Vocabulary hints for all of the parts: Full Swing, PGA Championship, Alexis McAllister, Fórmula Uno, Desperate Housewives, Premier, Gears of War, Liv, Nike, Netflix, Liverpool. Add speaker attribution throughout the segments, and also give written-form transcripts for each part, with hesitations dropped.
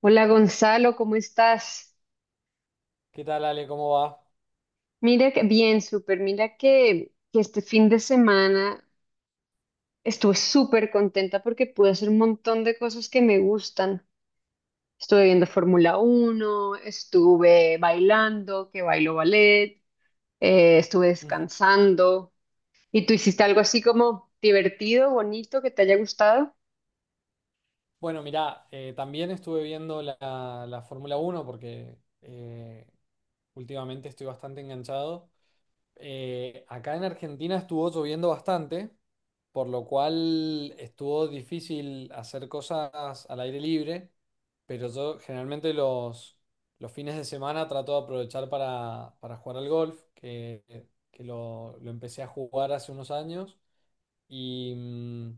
Speaker 1: Hola, Gonzalo, ¿cómo estás?
Speaker 2: ¿Qué tal, Ale? ¿Cómo va?
Speaker 1: Mira, que bien, súper. Mira que este fin de semana estuve súper contenta porque pude hacer un montón de cosas que me gustan. Estuve viendo Fórmula Uno, estuve bailando, que bailo ballet, estuve
Speaker 2: Ujú.
Speaker 1: descansando. ¿Y tú hiciste algo así como divertido, bonito, que te haya gustado?
Speaker 2: Bueno, mirá, también estuve viendo la Fórmula Uno porque últimamente estoy bastante enganchado. Acá en Argentina estuvo lloviendo bastante, por lo cual estuvo difícil hacer cosas al aire libre, pero yo generalmente los fines de semana trato de aprovechar para jugar al golf, que lo empecé a jugar hace unos años. Y,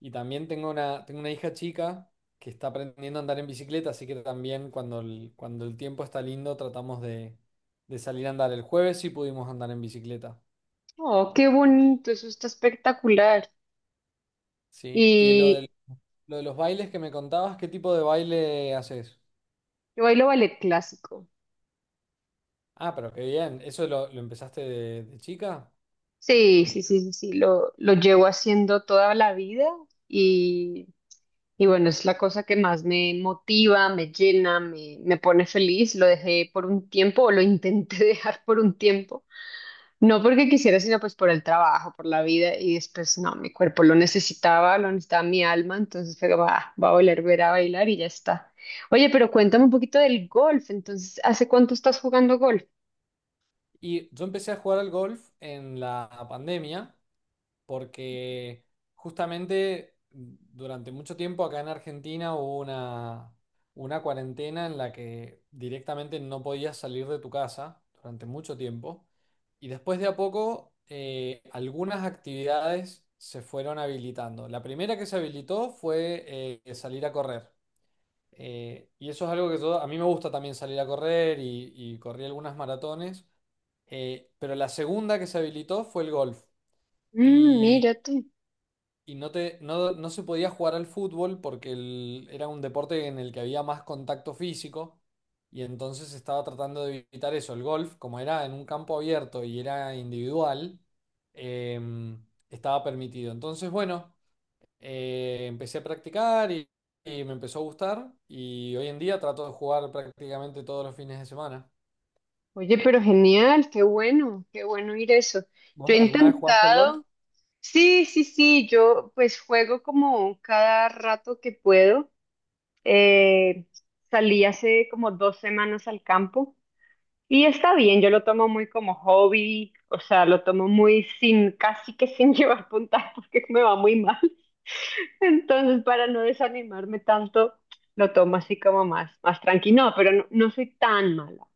Speaker 2: y también tengo tengo una hija chica que está aprendiendo a andar en bicicleta, así que también cuando cuando el tiempo está lindo tratamos de salir a andar. El jueves sí pudimos andar en bicicleta,
Speaker 1: Oh, qué bonito, eso está espectacular.
Speaker 2: ¿sí? Y
Speaker 1: Y
Speaker 2: lo de los bailes que me contabas, ¿qué tipo de baile haces?
Speaker 1: yo bailo ballet clásico.
Speaker 2: Ah, pero qué bien, ¿eso lo empezaste de chica?
Speaker 1: Sí, sí, sí, sí, sí, lo llevo haciendo toda la vida y, y bueno, es la cosa que más me motiva, me llena, me pone feliz. Lo dejé por un tiempo o lo intenté dejar por un tiempo. No porque quisiera, sino pues por el trabajo, por la vida y después no, mi cuerpo lo necesitaba mi alma, entonces fue como, "Ah, va a volver a ver a bailar y ya está." Oye, pero cuéntame un poquito del golf, entonces, ¿hace cuánto estás jugando golf?
Speaker 2: Y yo empecé a jugar al golf en la pandemia, porque justamente durante mucho tiempo acá en Argentina hubo una cuarentena en la que directamente no podías salir de tu casa durante mucho tiempo, y después de a poco algunas actividades se fueron habilitando. La primera que se habilitó fue, salir a correr. Y eso es algo que a mí me gusta también salir a correr, y corrí algunas maratones. Pero la segunda que se habilitó fue el golf.
Speaker 1: Mm,
Speaker 2: Y
Speaker 1: mira tú.
Speaker 2: y no te, no, no se podía jugar al fútbol porque era un deporte en el que había más contacto físico, y entonces estaba tratando de evitar eso. El golf, como era en un campo abierto y era individual, estaba permitido. Entonces, bueno, empecé a practicar, y me empezó a gustar, y hoy en día trato de jugar prácticamente todos los fines de semana.
Speaker 1: Oye, pero genial, qué bueno ir eso. Yo
Speaker 2: ¿Vos
Speaker 1: he
Speaker 2: alguna vez jugaste al golf?
Speaker 1: intentado, sí, sí, sí, yo pues juego como cada rato que puedo. Eh, Salí hace como dos semanas al campo y está bien, yo lo tomo muy como hobby, o sea, lo tomo muy sin, casi que sin llevar puntaje porque me va muy mal. Entonces, para no desanimarme tanto, lo tomo así como más, más tranquilo. No, pero no, no soy tan mala.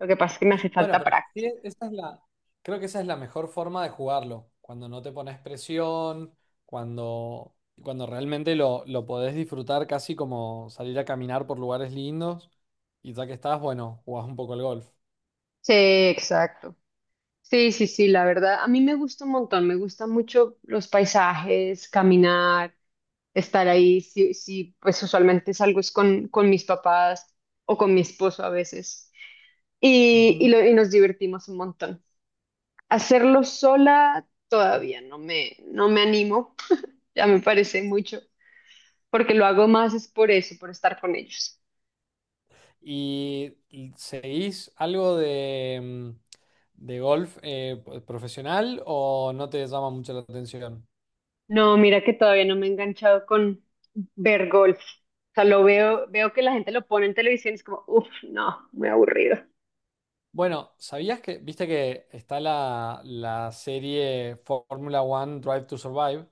Speaker 1: Lo que pasa es que me hace
Speaker 2: Bueno,
Speaker 1: falta
Speaker 2: pero sí,
Speaker 1: práctica.
Speaker 2: creo que esa es la mejor forma de jugarlo, cuando no te pones presión, cuando, cuando realmente lo podés disfrutar casi como salir a caminar por lugares lindos, y ya que estás, bueno, jugás un poco al golf.
Speaker 1: Sí, exacto. Sí, sí, sí, la verdad, a mí me gusta un montón, me gustan mucho los paisajes, caminar, estar ahí, sí, sí, pues usualmente salgo es con mis papás o con mi esposo a veces y,
Speaker 2: Ujú.
Speaker 1: y nos divertimos un montón. Hacerlo sola todavía no me animo, ya me parece mucho, porque lo hago más es por eso, por estar con ellos.
Speaker 2: Y seguís algo de, de golf profesional, o no te llama mucho la atención?
Speaker 1: No, mira que todavía no me he enganchado con ver golf. O sea, lo veo, veo que la gente lo pone en televisión y es como, uff, no, muy aburrido.
Speaker 2: Bueno, ¿sabías que, viste que está la serie Fórmula One Drive to Survive,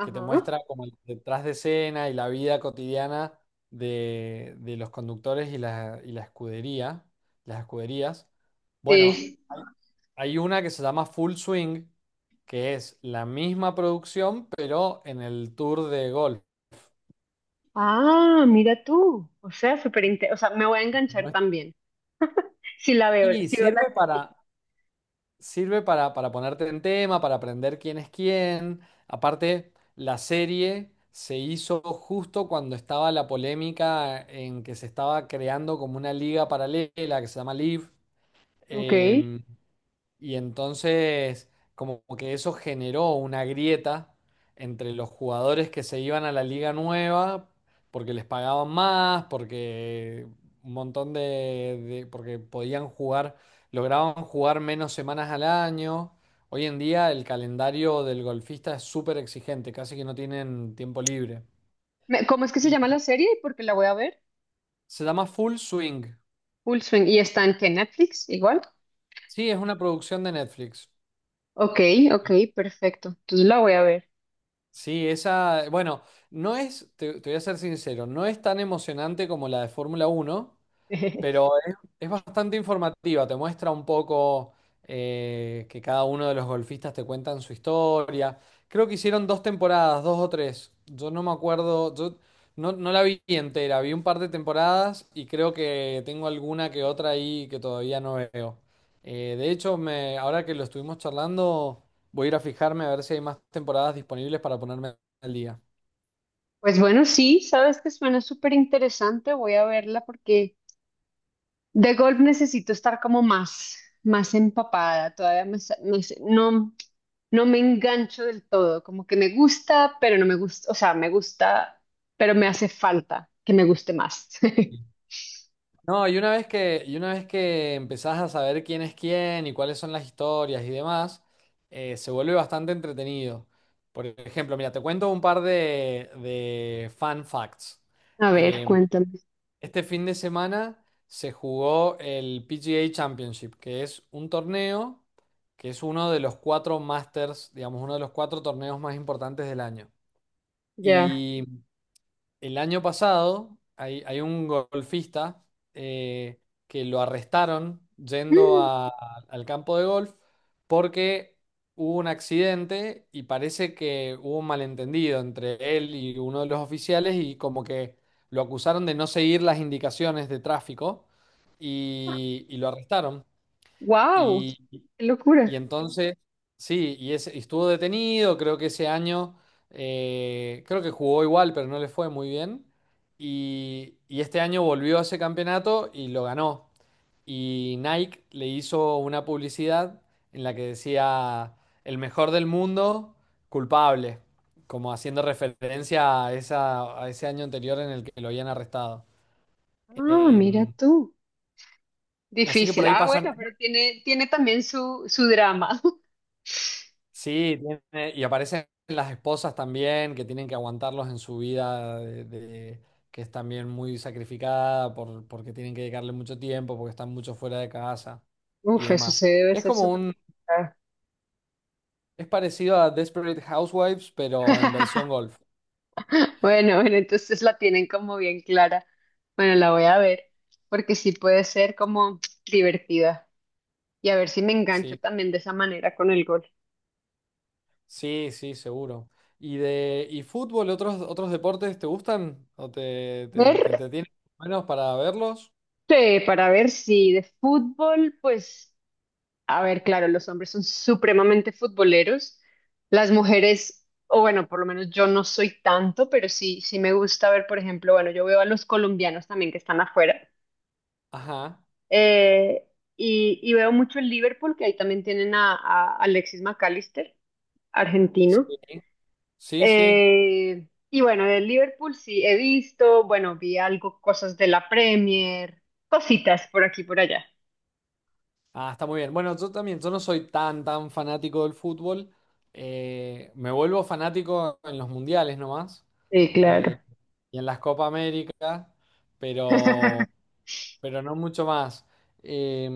Speaker 2: que te muestra como el detrás de escena y la vida cotidiana de los conductores y y la escudería, las escuderías? Bueno,
Speaker 1: Sí.
Speaker 2: hay una que se llama Full Swing, que es la misma producción, pero en el Tour de Golf.
Speaker 1: Ah, mira tú. O sea, o sea, me voy a enganchar
Speaker 2: Muestra-
Speaker 1: también. Si la veo,
Speaker 2: Y
Speaker 1: si veo la
Speaker 2: sirve
Speaker 1: serie.
Speaker 2: sirve para ponerte en tema, para aprender quién es quién. Aparte, la serie se hizo justo cuando estaba la polémica en que se estaba creando como una liga paralela que se llama Liv.
Speaker 1: Ok.
Speaker 2: Y entonces, como que eso generó una grieta entre los jugadores que se iban a la liga nueva porque les pagaban más, porque un montón de- porque podían jugar, lograban jugar menos semanas al año. Hoy en día el calendario del golfista es súper exigente, casi que no tienen tiempo libre.
Speaker 1: ¿Cómo es que se llama la
Speaker 2: Y
Speaker 1: serie? Porque la voy a ver.
Speaker 2: se llama Full Swing.
Speaker 1: Full Swing. ¿Y está en qué? ¿Netflix? Igual.
Speaker 2: Sí, es una producción de Netflix.
Speaker 1: Ok, ok, perfecto. Entonces la voy a ver.
Speaker 2: Sí, esa, bueno, no es, te voy a ser sincero, no es tan emocionante como la de Fórmula uno. Pero es, es bastante informativa, te muestra un poco, que cada uno de los golfistas te cuentan su historia. Creo que hicieron dos temporadas, dos o tres. Yo no me acuerdo, yo no, no la vi entera, vi un par de temporadas, y creo que tengo alguna que otra ahí que todavía no veo. De hecho, ahora que lo estuvimos charlando, voy a ir a fijarme a ver si hay más temporadas disponibles para ponerme al día.
Speaker 1: Pues bueno, sí, sabes que suena súper interesante. Voy a verla porque de golf necesito estar como más, más empapada, todavía no sé, no, no me engancho del todo, como que me gusta, pero no me gusta, o sea, me gusta, pero me hace falta que me guste más.
Speaker 2: No, y una vez que, y una vez que empezás a saber quién es quién y cuáles son las historias y demás, se vuelve bastante entretenido. Por ejemplo, mira, te cuento un par de fun facts.
Speaker 1: A ver,
Speaker 2: Eh,
Speaker 1: cuéntame.
Speaker 2: este fin de semana se jugó el PGA Championship, que es un torneo que es uno de los cuatro Masters, digamos, uno de los cuatro torneos más importantes del año.
Speaker 1: Ya.
Speaker 2: Y el año pasado hay un golfista eh, que lo arrestaron al campo de golf porque hubo un accidente, y parece que hubo un malentendido entre él y uno de los oficiales, y como que lo acusaron de no seguir las indicaciones de tráfico, y lo arrestaron.
Speaker 1: Wow,
Speaker 2: Y,
Speaker 1: qué
Speaker 2: y
Speaker 1: locura.
Speaker 2: entonces, sí, y estuvo detenido, creo que ese año, creo que jugó igual, pero no le fue muy bien. Y este año volvió a ese campeonato y lo ganó. Y Nike le hizo una publicidad en la que decía: el mejor del mundo, culpable, como haciendo referencia a, esa, a ese año anterior en el que lo habían arrestado.
Speaker 1: Ah, mira
Speaker 2: Em,
Speaker 1: tú.
Speaker 2: Así que por
Speaker 1: Difícil.
Speaker 2: ahí
Speaker 1: Ah, bueno,
Speaker 2: pasan.
Speaker 1: pero tiene, tiene también su drama.
Speaker 2: Sí, y aparecen las esposas también que tienen que aguantarlos en su vida, que es también muy sacrificada porque tienen que dedicarle mucho tiempo, porque están mucho fuera de casa y
Speaker 1: Uf, eso
Speaker 2: demás.
Speaker 1: se debe
Speaker 2: Es
Speaker 1: ser
Speaker 2: como
Speaker 1: súper
Speaker 2: un,
Speaker 1: complicado.
Speaker 2: es parecido a Desperate Housewives, pero en versión golf.
Speaker 1: Bueno, bueno, entonces la tienen como bien clara. Bueno, la voy a ver, porque sí puede ser como divertida. Y a ver si me engancho
Speaker 2: Sí,
Speaker 1: también de esa manera con el gol.
Speaker 2: sí, sí, seguro. ¿Y de y fútbol, otros deportes te gustan, o te
Speaker 1: Ver,
Speaker 2: entretienen menos para verlos?
Speaker 1: para ver si de fútbol, pues, a ver, claro, los hombres son supremamente futboleros. Las mujeres, o bueno, por lo menos yo no soy tanto, pero sí, sí me gusta ver, por ejemplo, bueno, yo veo a los colombianos también que están afuera.
Speaker 2: Ajá.
Speaker 1: Eh, y veo mucho el Liverpool, que ahí también tienen a Alexis McAllister,
Speaker 2: Sí,
Speaker 1: argentino.
Speaker 2: sí, sí.
Speaker 1: Y bueno, del Liverpool sí he visto, bueno, vi algo, cosas de la Premier, cositas por aquí y por allá.
Speaker 2: Ah, está muy bien. Bueno, yo también, yo no soy tan fanático del fútbol. Me vuelvo fanático en los mundiales nomás,
Speaker 1: Sí,
Speaker 2: eh,
Speaker 1: claro.
Speaker 2: y en las Copa América, pero, pero no mucho más. Eh,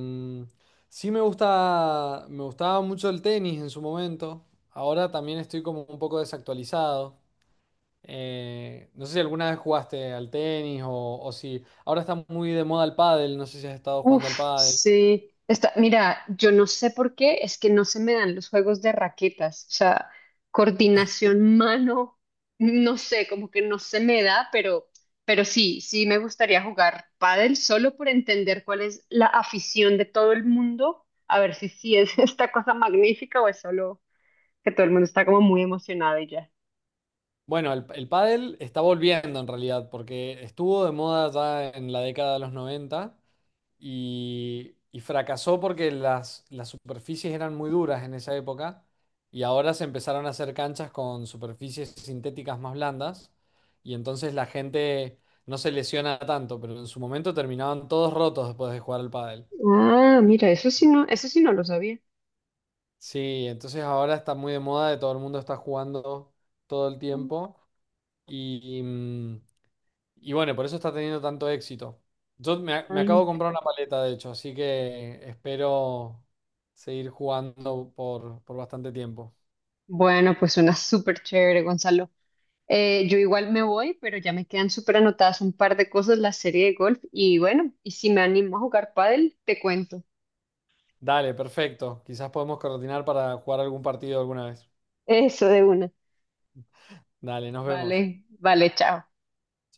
Speaker 2: sí me gusta, me gustaba mucho el tenis en su momento. Ahora también estoy como un poco desactualizado. No sé si alguna vez jugaste al tenis, o si ahora está muy de moda el pádel. No sé si has estado jugando al
Speaker 1: Uf,
Speaker 2: pádel.
Speaker 1: sí. Está, mira, yo no sé por qué, es que no se me dan los juegos de raquetas. O sea, coordinación mano, no sé, como que no se me da, pero sí, sí me gustaría jugar pádel solo por entender cuál es la afición de todo el mundo, a ver si sí es esta cosa magnífica o es solo que todo el mundo está como muy emocionado y ya.
Speaker 2: Bueno, el pádel está volviendo en realidad, porque estuvo de moda ya en la década de los noventa, y fracasó porque las superficies eran muy duras en esa época, y ahora se empezaron a hacer canchas con superficies sintéticas más blandas, y entonces la gente no se lesiona tanto, pero en su momento terminaban todos rotos después de jugar al pádel.
Speaker 1: Ah, mira, eso sí no lo sabía.
Speaker 2: Sí, entonces ahora está muy de moda, de todo el mundo está jugando todo el tiempo y... y bueno, por eso está teniendo tanto éxito. Me acabo de
Speaker 1: Ah.
Speaker 2: comprar una paleta, de hecho, así que espero seguir jugando por bastante tiempo.
Speaker 1: Bueno, pues suena súper chévere, Gonzalo. Yo igual me voy, pero ya me quedan súper anotadas un par de cosas, la serie de golf y bueno, y si me animo a jugar pádel, te cuento.
Speaker 2: Dale, perfecto. Quizás podemos coordinar para jugar algún partido alguna vez.
Speaker 1: Eso de una.
Speaker 2: Dale, nos vemos.
Speaker 1: Vale, vale, chao.